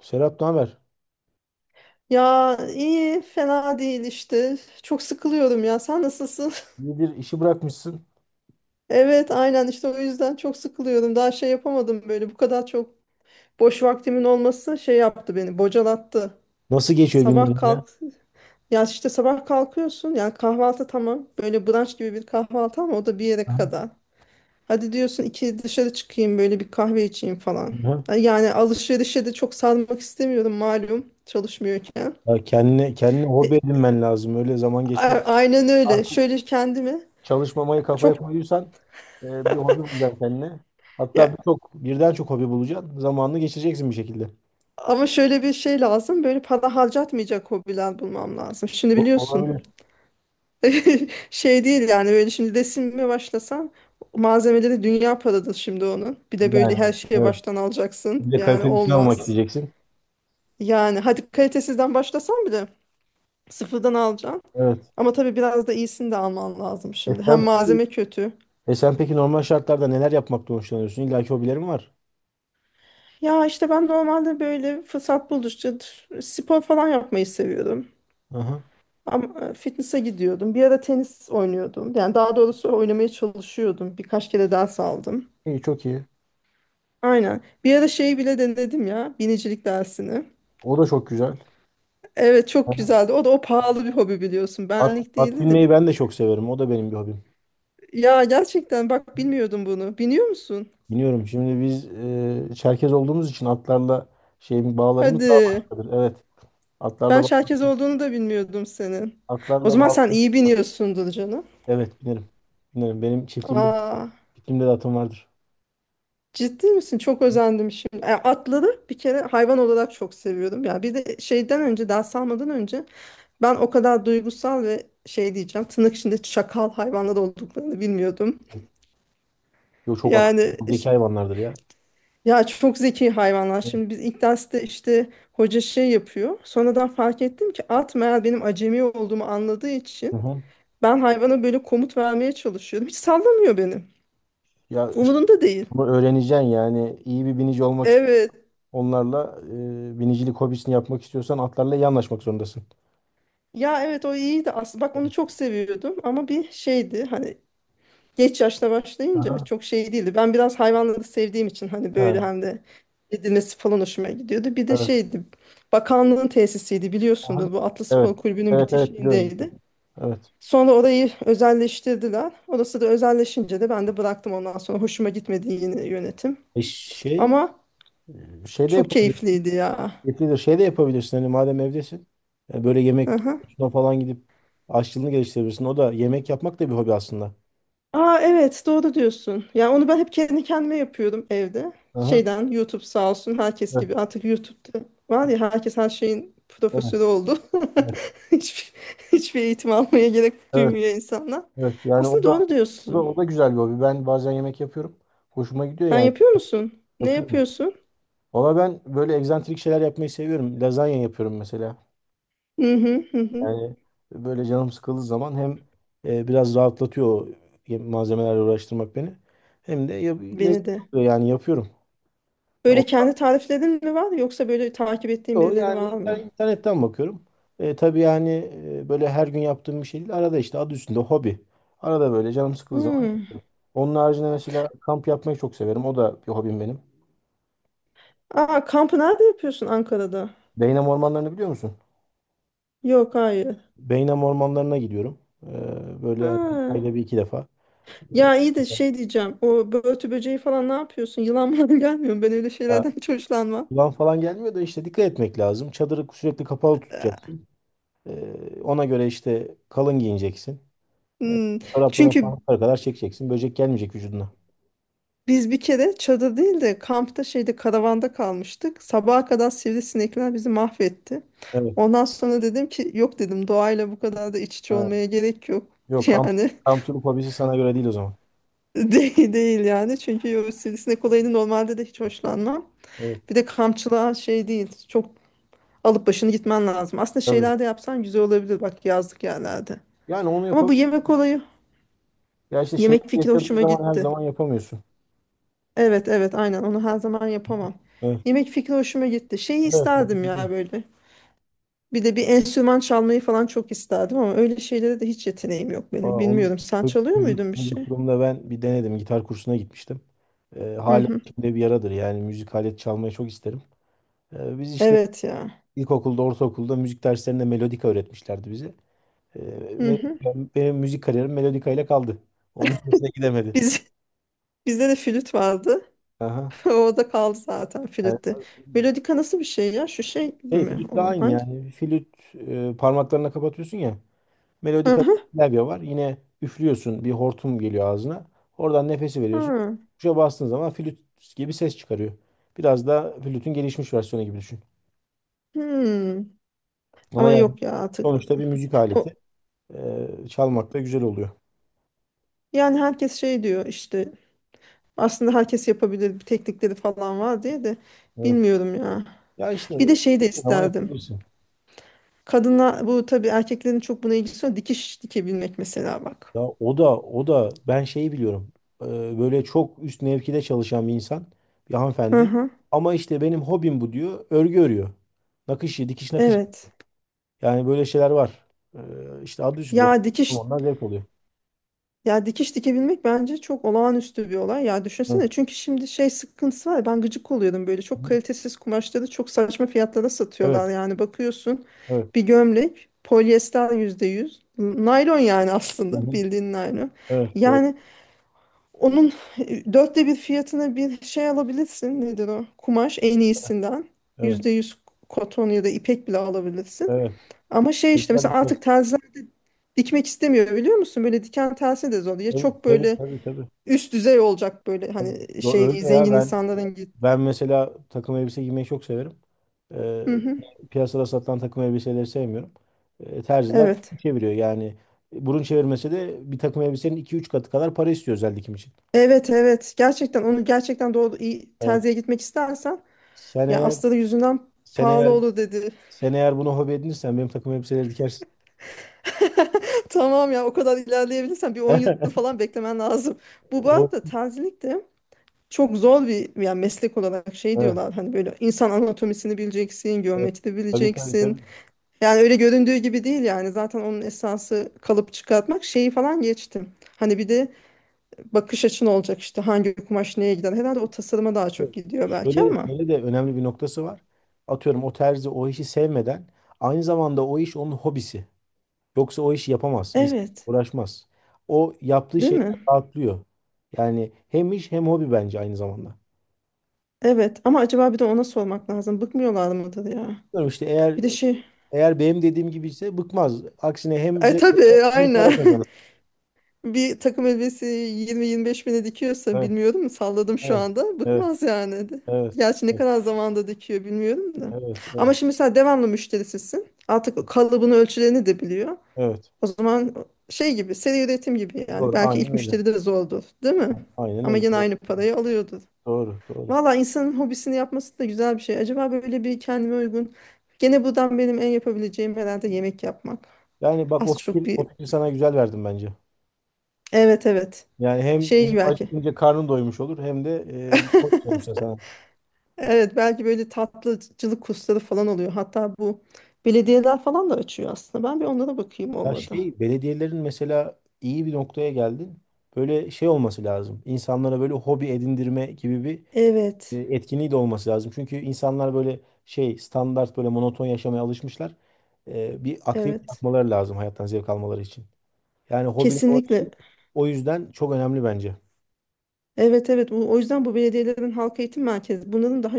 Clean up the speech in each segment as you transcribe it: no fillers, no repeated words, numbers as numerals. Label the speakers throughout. Speaker 1: Serap, ne haber?
Speaker 2: Ya iyi, fena değil işte. Çok sıkılıyorum ya. Sen nasılsın?
Speaker 1: İyidir, işi bırakmışsın.
Speaker 2: Evet, aynen işte o yüzden çok sıkılıyorum. Daha şey yapamadım böyle. Bu kadar çok boş vaktimin olması şey yaptı beni, bocalattı.
Speaker 1: Nasıl geçiyor
Speaker 2: Sabah
Speaker 1: günlerin ya?
Speaker 2: kalk, ya işte sabah kalkıyorsun. Yani kahvaltı tamam. Böyle brunch gibi bir kahvaltı ama o da bir yere
Speaker 1: Aha.
Speaker 2: kadar. Hadi diyorsun iki dışarı çıkayım böyle bir kahve içeyim falan.
Speaker 1: Aha.
Speaker 2: Yani alışverişe de çok sarmak istemiyorum malum çalışmıyorken.
Speaker 1: Ya kendine hobi
Speaker 2: E,
Speaker 1: edinmen lazım. Öyle zaman geçmez.
Speaker 2: Aynen öyle.
Speaker 1: Artık
Speaker 2: Şöyle kendimi
Speaker 1: çalışmamayı kafaya
Speaker 2: çok
Speaker 1: koyuyorsan e, bir hobi bulacaksın kendine. Hatta
Speaker 2: Ya,
Speaker 1: birden çok hobi bulacaksın. Zamanını geçireceksin bir şekilde.
Speaker 2: ama şöyle bir şey lazım. Böyle para harcatmayacak hobiler bulmam lazım. Şimdi biliyorsun.
Speaker 1: Olabilir.
Speaker 2: Şey değil yani böyle şimdi resimle başlasan malzemeleri dünya paradır şimdi onun. Bir de böyle
Speaker 1: Yani
Speaker 2: her şeye
Speaker 1: evet.
Speaker 2: baştan
Speaker 1: Bir
Speaker 2: alacaksın.
Speaker 1: de
Speaker 2: Yani
Speaker 1: kaliteli işini almak
Speaker 2: olmaz.
Speaker 1: isteyeceksin.
Speaker 2: Yani hadi kalitesizden başlasan bile sıfırdan alacaksın.
Speaker 1: Evet.
Speaker 2: Ama tabii biraz da iyisini de alman lazım
Speaker 1: E
Speaker 2: şimdi.
Speaker 1: sen,
Speaker 2: Hem
Speaker 1: peki-
Speaker 2: malzeme kötü.
Speaker 1: e sen peki normal şartlarda neler yapmaktan hoşlanıyorsun? İlla ki hobilerin var.
Speaker 2: Ya işte ben normalde böyle fırsat buldukça spor falan yapmayı seviyorum.
Speaker 1: Aha.
Speaker 2: Ama fitness'a gidiyordum. Bir ara tenis oynuyordum. Yani daha doğrusu oynamaya çalışıyordum. Birkaç kere ders aldım.
Speaker 1: İyi, çok iyi.
Speaker 2: Aynen. Bir ara şeyi bile denedim ya. Binicilik dersini.
Speaker 1: O da çok güzel.
Speaker 2: Evet çok güzeldi. O da o pahalı bir hobi biliyorsun.
Speaker 1: At,
Speaker 2: Benlik
Speaker 1: at
Speaker 2: değildi de.
Speaker 1: binmeyi ben de çok severim. O da benim bir hobim.
Speaker 2: Ya gerçekten bak bilmiyordum bunu. Biniyor musun?
Speaker 1: Biniyorum. Şimdi biz Çerkez olduğumuz için atlarla şeyin bağlarımız daha
Speaker 2: Hadi.
Speaker 1: başkadır. Evet. Atlarla
Speaker 2: Ben
Speaker 1: ba-
Speaker 2: şerkez olduğunu da bilmiyordum senin. O
Speaker 1: atlarla
Speaker 2: zaman
Speaker 1: bağ.
Speaker 2: sen iyi biniyorsundur canım.
Speaker 1: Evet, binerim. Binerim. Benim
Speaker 2: Aa.
Speaker 1: çiftliğimde de atım vardır.
Speaker 2: Ciddi misin? Çok özendim şimdi. Yani atları bir kere hayvan olarak çok seviyordum. Ya bir de şeyden önce, ders almadan önce ben o kadar duygusal ve şey diyeceğim, tırnak içinde çakal hayvanlar olduklarını bilmiyordum.
Speaker 1: Yo, çok akıllı,
Speaker 2: Yani
Speaker 1: çok zeki
Speaker 2: iş-
Speaker 1: hayvanlardır ya.
Speaker 2: ya çok zeki hayvanlar. Şimdi biz ilk derste işte hoca şey yapıyor. Sonradan fark ettim ki at meğer benim acemi olduğumu anladığı
Speaker 1: Hı
Speaker 2: için
Speaker 1: hı.
Speaker 2: ben hayvana böyle komut vermeye çalışıyordum. Hiç sallamıyor beni.
Speaker 1: Ya işte
Speaker 2: Umurunda değil.
Speaker 1: bunu öğreneceksin yani. İyi bir binici olmak istiyorsan
Speaker 2: Evet.
Speaker 1: onlarla binicilik hobisini yapmak istiyorsan atlarla iyi anlaşmak zorundasın.
Speaker 2: Ya evet o iyiydi aslında. Bak onu çok seviyordum ama bir şeydi hani geç yaşta başlayınca
Speaker 1: Aha.
Speaker 2: çok şey değildi. Ben biraz hayvanları sevdiğim için hani böyle
Speaker 1: Ha,
Speaker 2: hem de edilmesi falan hoşuma gidiyordu. Bir de
Speaker 1: evet.
Speaker 2: şeydi bakanlığın tesisiydi
Speaker 1: Aha.
Speaker 2: biliyorsundur bu Atlı
Speaker 1: Evet.
Speaker 2: Spor Kulübü'nün
Speaker 1: Evet, evet, biliyorum.
Speaker 2: bitişiğindeydi.
Speaker 1: Evet.
Speaker 2: Sonra orayı özelleştirdiler. Orası da özelleşince de ben de bıraktım ondan sonra hoşuma gitmedi yine yönetim.
Speaker 1: E şey
Speaker 2: Ama
Speaker 1: Şey de
Speaker 2: çok
Speaker 1: yapabilirsin.
Speaker 2: keyifliydi ya.
Speaker 1: Yetilir. Şey de yapabilirsin. Hani madem evdesin. Böyle
Speaker 2: Hı
Speaker 1: yemek
Speaker 2: hı.
Speaker 1: kursuna falan gidip aşçılığını geliştirebilirsin. O da, yemek yapmak da bir hobi aslında.
Speaker 2: Aa, evet doğru diyorsun. Yani onu ben hep kendi kendime yapıyordum evde.
Speaker 1: Aha.
Speaker 2: Şeyden YouTube sağ olsun herkes
Speaker 1: Evet,
Speaker 2: gibi artık YouTube'da var ya herkes her şeyin
Speaker 1: evet,
Speaker 2: profesörü oldu.
Speaker 1: evet,
Speaker 2: Hiçbir, hiçbir eğitim almaya gerek
Speaker 1: evet,
Speaker 2: duymuyor insanlar.
Speaker 1: evet. Yani
Speaker 2: Aslında doğru diyorsun.
Speaker 1: o da güzel bir hobi. Ben bazen yemek yapıyorum. Hoşuma gidiyor
Speaker 2: Sen
Speaker 1: yani.
Speaker 2: yapıyor musun? Ne
Speaker 1: Yapıyorum.
Speaker 2: yapıyorsun?
Speaker 1: Valla ben böyle egzantrik şeyler yapmayı seviyorum. Lazanya yapıyorum mesela.
Speaker 2: Hı hı hı hı.
Speaker 1: Yani böyle canım sıkıldığı zaman hem biraz rahatlatıyor o malzemelerle uğraştırmak beni. Hem de
Speaker 2: Beni
Speaker 1: lezzetli
Speaker 2: de.
Speaker 1: oluyor yani, yapıyorum. Ya
Speaker 2: Böyle kendi tariflerin mi var yoksa böyle takip ettiğin birileri var mı?
Speaker 1: İnternetten bakıyorum. Tabii yani böyle her gün yaptığım bir şey değil. Arada işte, adı üstünde hobi. Arada böyle canım sıkıldığı zaman.
Speaker 2: Hmm.
Speaker 1: Onun haricinde mesela kamp yapmayı çok severim. O da bir hobim benim.
Speaker 2: Aa, kampı nerede yapıyorsun Ankara'da?
Speaker 1: Beynam ormanlarını biliyor musun?
Speaker 2: Yok, hayır.
Speaker 1: Beynam ormanlarına gidiyorum. Böyle
Speaker 2: Ha.
Speaker 1: hani ayda bir iki defa.
Speaker 2: Ya iyi de şey diyeceğim. O börtü böceği falan ne yapıyorsun? Yılan mı gelmiyor mu? Ben öyle
Speaker 1: Ya,
Speaker 2: şeylerden hiç hoşlanmam.
Speaker 1: Yılan falan gelmiyor da işte dikkat etmek lazım. Çadırı sürekli kapalı tutacaksın. Ona göre işte kalın giyineceksin. E,
Speaker 2: Hmm.
Speaker 1: Çoraplarını falan
Speaker 2: Çünkü
Speaker 1: yukarı kadar çekeceksin. Böcek gelmeyecek vücuduna.
Speaker 2: biz bir kere çadır değil de kampta şeyde karavanda kalmıştık. Sabaha kadar sivrisinekler bizi mahvetti.
Speaker 1: Evet.
Speaker 2: Ondan sonra dedim ki yok dedim doğayla bu kadar da iç içe
Speaker 1: Ha.
Speaker 2: olmaya gerek yok.
Speaker 1: Yok,
Speaker 2: Yani
Speaker 1: kamp turu hobisi sana göre değil o zaman.
Speaker 2: değil, değil yani. Çünkü o sivrisinek olayını normalde de hiç hoşlanmam.
Speaker 1: Evet.
Speaker 2: Bir de kampçılığa şey değil. Çok alıp başını gitmen lazım. Aslında
Speaker 1: Tabii.
Speaker 2: şeyler de yapsan güzel olabilir bak yazlık yerlerde.
Speaker 1: Yani onu yap,
Speaker 2: Ama bu yemek olayı,
Speaker 1: ya işte şey
Speaker 2: yemek fikri
Speaker 1: yaşadığın
Speaker 2: hoşuma
Speaker 1: zaman her
Speaker 2: gitti.
Speaker 1: zaman yapamıyorsun.
Speaker 2: Evet evet aynen onu her zaman yapamam.
Speaker 1: Evet.
Speaker 2: Yemek fikri hoşuma gitti. Şeyi
Speaker 1: Evet. Onu
Speaker 2: isterdim
Speaker 1: biliyorum.
Speaker 2: ya böyle. Bir de bir enstrüman çalmayı falan çok isterdim ama öyle şeylere de hiç yeteneğim yok
Speaker 1: Aa,
Speaker 2: benim.
Speaker 1: onu
Speaker 2: Bilmiyorum sen çalıyor
Speaker 1: Müzik,
Speaker 2: muydun bir şey?
Speaker 1: çocukluğumda ben bir denedim. Gitar kursuna gitmiştim.
Speaker 2: Hı
Speaker 1: Hala
Speaker 2: hı.
Speaker 1: içimde bir yaradır. Yani müzik alet çalmayı çok isterim. Biz işte
Speaker 2: Evet ya.
Speaker 1: ilkokulda, ortaokulda müzik derslerinde melodika öğretmişlerdi bize. Ee,
Speaker 2: Hı hı.
Speaker 1: benim müzik kariyerim melodika ile kaldı. Onun ötesine gidemedi.
Speaker 2: Biz, bizde de flüt vardı.
Speaker 1: Aha.
Speaker 2: O da kaldı zaten
Speaker 1: Evet.
Speaker 2: flütte. Melodika nasıl bir şey ya? Şu şey gibi
Speaker 1: Şey,
Speaker 2: mi
Speaker 1: flütle
Speaker 2: olan
Speaker 1: aynı
Speaker 2: hangi?
Speaker 1: yani. Flüt, parmaklarına kapatıyorsun ya. Melodik
Speaker 2: Hı hı.
Speaker 1: klavye var. Yine üflüyorsun, bir hortum geliyor ağzına. Oradan nefesi veriyorsun.
Speaker 2: Hı.
Speaker 1: Tuşa bastığın zaman flüt gibi ses çıkarıyor. Biraz da flütün gelişmiş versiyonu gibi düşün.
Speaker 2: Hmm.
Speaker 1: Ama
Speaker 2: Ama
Speaker 1: yani
Speaker 2: yok ya artık.
Speaker 1: sonuçta bir müzik aleti.
Speaker 2: O,
Speaker 1: Çalmak da güzel oluyor.
Speaker 2: yani herkes şey diyor işte aslında herkes yapabilir bir teknikleri falan var diye de
Speaker 1: Evet.
Speaker 2: bilmiyorum ya.
Speaker 1: Ya işte
Speaker 2: Bir de şey de
Speaker 1: ama
Speaker 2: isterdim.
Speaker 1: yapabilirsin.
Speaker 2: Kadına bu tabii erkeklerin çok buna ilgisi yok. Dikiş dikebilmek mesela bak.
Speaker 1: Ya o da o da ben şeyi biliyorum. Böyle çok üst mevkide çalışan bir insan, bir
Speaker 2: Hı
Speaker 1: hanımefendi.
Speaker 2: hı.
Speaker 1: Ama işte benim hobim bu diyor. Örgü örüyor. Nakışı, dikiş nakış.
Speaker 2: Evet.
Speaker 1: Yani böyle şeyler var. İşte adı üstünde,
Speaker 2: Ya
Speaker 1: okuyorum.
Speaker 2: dikiş
Speaker 1: Onlar zevk oluyor.
Speaker 2: ya dikiş dikebilmek bence çok olağanüstü bir olay. Ya
Speaker 1: Hı.
Speaker 2: düşünsene çünkü şimdi şey sıkıntısı var. Ya, ben gıcık oluyorum böyle. Çok kalitesiz kumaşları çok saçma fiyatlara
Speaker 1: Evet,
Speaker 2: satıyorlar. Yani bakıyorsun
Speaker 1: evet.
Speaker 2: bir gömlek polyester %100. Naylon yani
Speaker 1: Hı
Speaker 2: aslında
Speaker 1: hı.
Speaker 2: bildiğin naylon.
Speaker 1: Evet, doğru.
Speaker 2: Yani onun 1/4 fiyatına bir şey alabilirsin. Nedir o? Kumaş en iyisinden.
Speaker 1: Evet,
Speaker 2: Yüzde yüz koton ya da ipek bile alabilirsin.
Speaker 1: evet.
Speaker 2: Ama şey işte
Speaker 1: Güzel
Speaker 2: mesela
Speaker 1: bir şey.
Speaker 2: artık terziler dikmek istemiyor biliyor musun? Böyle diken tersi de zor. Ya
Speaker 1: Tabii,
Speaker 2: çok
Speaker 1: tabii,
Speaker 2: böyle
Speaker 1: tabii. tabii.
Speaker 2: üst düzey olacak böyle hani
Speaker 1: Yo,
Speaker 2: şey
Speaker 1: öyle ya,
Speaker 2: zengin insanların git.
Speaker 1: ben mesela takım elbise giymeyi çok severim. Ee,
Speaker 2: Hı hı.
Speaker 1: Piyasada satılan takım elbiseleri sevmiyorum. Terziler
Speaker 2: Evet.
Speaker 1: çeviriyor yani. Burun çevirmesi de bir takım elbisenin iki üç katı kadar para istiyor özel dikim için.
Speaker 2: Evet evet. Gerçekten onu gerçekten doğru iyi
Speaker 1: Evet.
Speaker 2: terziye gitmek istersen
Speaker 1: Sen
Speaker 2: ya
Speaker 1: eğer
Speaker 2: astarı yüzünden
Speaker 1: sen
Speaker 2: pahalı
Speaker 1: eğer
Speaker 2: olur dedi.
Speaker 1: sen eğer bunu hobi edinirsen benim takım elbiseleri dikersin.
Speaker 2: Tamam ya o kadar ilerleyebilirsen bir 10 yıl falan beklemen lazım. Bu arada terzilik de çok zor bir yani meslek olarak şey
Speaker 1: O,
Speaker 2: diyorlar hani böyle insan anatomisini bileceksin,
Speaker 1: Evet.
Speaker 2: geometri
Speaker 1: Tabii, tabii, tabii.
Speaker 2: bileceksin. Yani öyle göründüğü gibi değil yani zaten onun esası kalıp çıkartmak şeyi falan geçtim. Hani bir de bakış açın olacak işte hangi kumaş neye gider. Herhalde o tasarıma daha çok gidiyor belki
Speaker 1: Şöyle,
Speaker 2: ama.
Speaker 1: şöyle de önemli bir noktası var. Atıyorum, o terzi o işi sevmeden aynı zamanda o iş onun hobisi. Yoksa o işi yapamaz, İnsan
Speaker 2: Evet,
Speaker 1: uğraşmaz. O yaptığı
Speaker 2: değil
Speaker 1: şeyden
Speaker 2: mi?
Speaker 1: rahatlıyor. Yani hem iş hem hobi bence aynı zamanda.
Speaker 2: Evet ama acaba bir de ona sormak lazım. Bıkmıyorlar mıdır ya?
Speaker 1: Bilmiyorum işte, eğer
Speaker 2: Bir de şey.
Speaker 1: eğer benim dediğim gibi ise bıkmaz. Aksine hem
Speaker 2: E
Speaker 1: zevk alır,
Speaker 2: tabii
Speaker 1: hem para
Speaker 2: aynen.
Speaker 1: kazanır.
Speaker 2: Bir takım elbisesi 20-25 bine dikiyorsa
Speaker 1: Evet,
Speaker 2: bilmiyorum salladım şu
Speaker 1: evet,
Speaker 2: anda
Speaker 1: evet,
Speaker 2: bıkmaz yani.
Speaker 1: evet,
Speaker 2: Gerçi ne
Speaker 1: evet,
Speaker 2: kadar zamanda dikiyor bilmiyorum da.
Speaker 1: evet, evet,
Speaker 2: Ama şimdi sen devamlı müşterisisin. Artık kalıbını ölçülerini de biliyor.
Speaker 1: evet.
Speaker 2: O zaman şey gibi seri üretim gibi yani
Speaker 1: Doğru,
Speaker 2: belki
Speaker 1: aynen
Speaker 2: ilk
Speaker 1: öyle.
Speaker 2: müşteri de zordur değil mi?
Speaker 1: Aynen
Speaker 2: Ama
Speaker 1: öyle.
Speaker 2: yine aynı parayı alıyordur.
Speaker 1: Doğru, doğru.
Speaker 2: Valla insanın hobisini yapması da güzel bir şey. Acaba böyle bir kendime uygun. Gene buradan benim en yapabileceğim herhalde yemek yapmak.
Speaker 1: Yani bak,
Speaker 2: Az çok
Speaker 1: o
Speaker 2: bir.
Speaker 1: fikir sana güzel, verdim bence.
Speaker 2: Evet evet.
Speaker 1: Yani hem, hem
Speaker 2: Şey belki.
Speaker 1: acıkınca karnın doymuş olur hem de hoş sonuçta sana.
Speaker 2: Evet belki böyle tatlıcılık kursları falan oluyor. Hatta bu belediyeler falan da açıyor aslında. Ben bir onlara bakayım
Speaker 1: Ya
Speaker 2: olmadı.
Speaker 1: şey, belediyelerin mesela, iyi bir noktaya geldin. Böyle şey olması lazım. İnsanlara böyle hobi edindirme gibi bir
Speaker 2: Evet,
Speaker 1: etkinliği de olması lazım. Çünkü insanlar böyle şey, standart böyle monoton yaşamaya alışmışlar. Bir aktivite
Speaker 2: evet.
Speaker 1: yapmaları lazım hayattan zevk almaları için. Yani
Speaker 2: Kesinlikle.
Speaker 1: o yüzden çok önemli bence.
Speaker 2: Evet evet. O yüzden bu belediyelerin halk eğitim merkezi bunların daha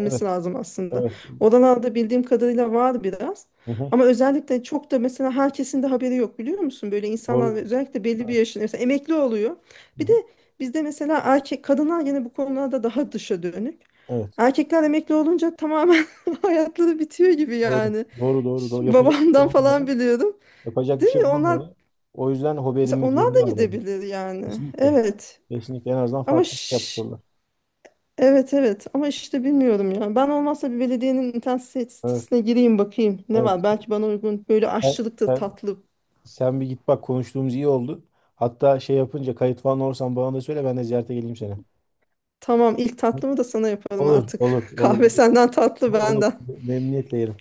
Speaker 1: Evet,
Speaker 2: lazım aslında.
Speaker 1: evet.
Speaker 2: Oralarda bildiğim kadarıyla var biraz.
Speaker 1: Hı hı.
Speaker 2: Ama özellikle çok da mesela herkesin de haberi yok biliyor musun? Böyle insanlar
Speaker 1: Doğru.
Speaker 2: özellikle belli bir
Speaker 1: Evet.
Speaker 2: yaşında mesela emekli oluyor.
Speaker 1: Hı
Speaker 2: Bir de
Speaker 1: hı.
Speaker 2: bizde mesela erkek kadınlar yine bu konularda daha dışa dönük.
Speaker 1: Evet.
Speaker 2: Erkekler emekli olunca tamamen hayatları bitiyor gibi
Speaker 1: Doğru.
Speaker 2: yani.
Speaker 1: Doğru, doğru, doğru.
Speaker 2: Şimdi
Speaker 1: Yapacak bir şey
Speaker 2: babamdan
Speaker 1: bulamıyorlar.
Speaker 2: falan biliyorum.
Speaker 1: Yapacak bir
Speaker 2: Değil
Speaker 1: şey
Speaker 2: mi? Onlar
Speaker 1: bulamıyorlar. O yüzden hobi
Speaker 2: mesela
Speaker 1: edinmek
Speaker 2: onlar da
Speaker 1: zorundalar bence.
Speaker 2: gidebilir yani.
Speaker 1: Kesinlikle.
Speaker 2: Evet.
Speaker 1: Kesinlikle en azından
Speaker 2: Ama
Speaker 1: farklı bir şey
Speaker 2: şş.
Speaker 1: yapıyorlar.
Speaker 2: Evet evet ama işte bilmiyorum ya. Ben olmazsa bir belediyenin internet
Speaker 1: Evet,
Speaker 2: sitesine gireyim bakayım ne
Speaker 1: evet.
Speaker 2: var. Belki bana uygun böyle
Speaker 1: Sen,
Speaker 2: aşçılık da
Speaker 1: sen,
Speaker 2: tatlı.
Speaker 1: sen bir git bak, konuştuğumuz iyi oldu. Hatta şey yapınca, kayıt falan olursan bana da söyle, ben de ziyarete geleyim seni.
Speaker 2: Tamam ilk tatlımı da sana yaparım
Speaker 1: Olur, olur,
Speaker 2: artık.
Speaker 1: olur.
Speaker 2: Kahve
Speaker 1: Olur.
Speaker 2: senden tatlı
Speaker 1: Olur.
Speaker 2: benden.
Speaker 1: Memnuniyetle yerim.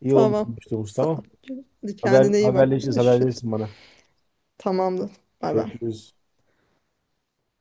Speaker 1: İyi oldu
Speaker 2: Tamam.
Speaker 1: konuştuğumuz,
Speaker 2: Sağ
Speaker 1: tamam.
Speaker 2: ol. Hadi kendine iyi bak.
Speaker 1: Haberleşiriz, haber
Speaker 2: Görüşürüz.
Speaker 1: verirsin bana.
Speaker 2: Tamamdır. Bay bay.
Speaker 1: Görüşürüz.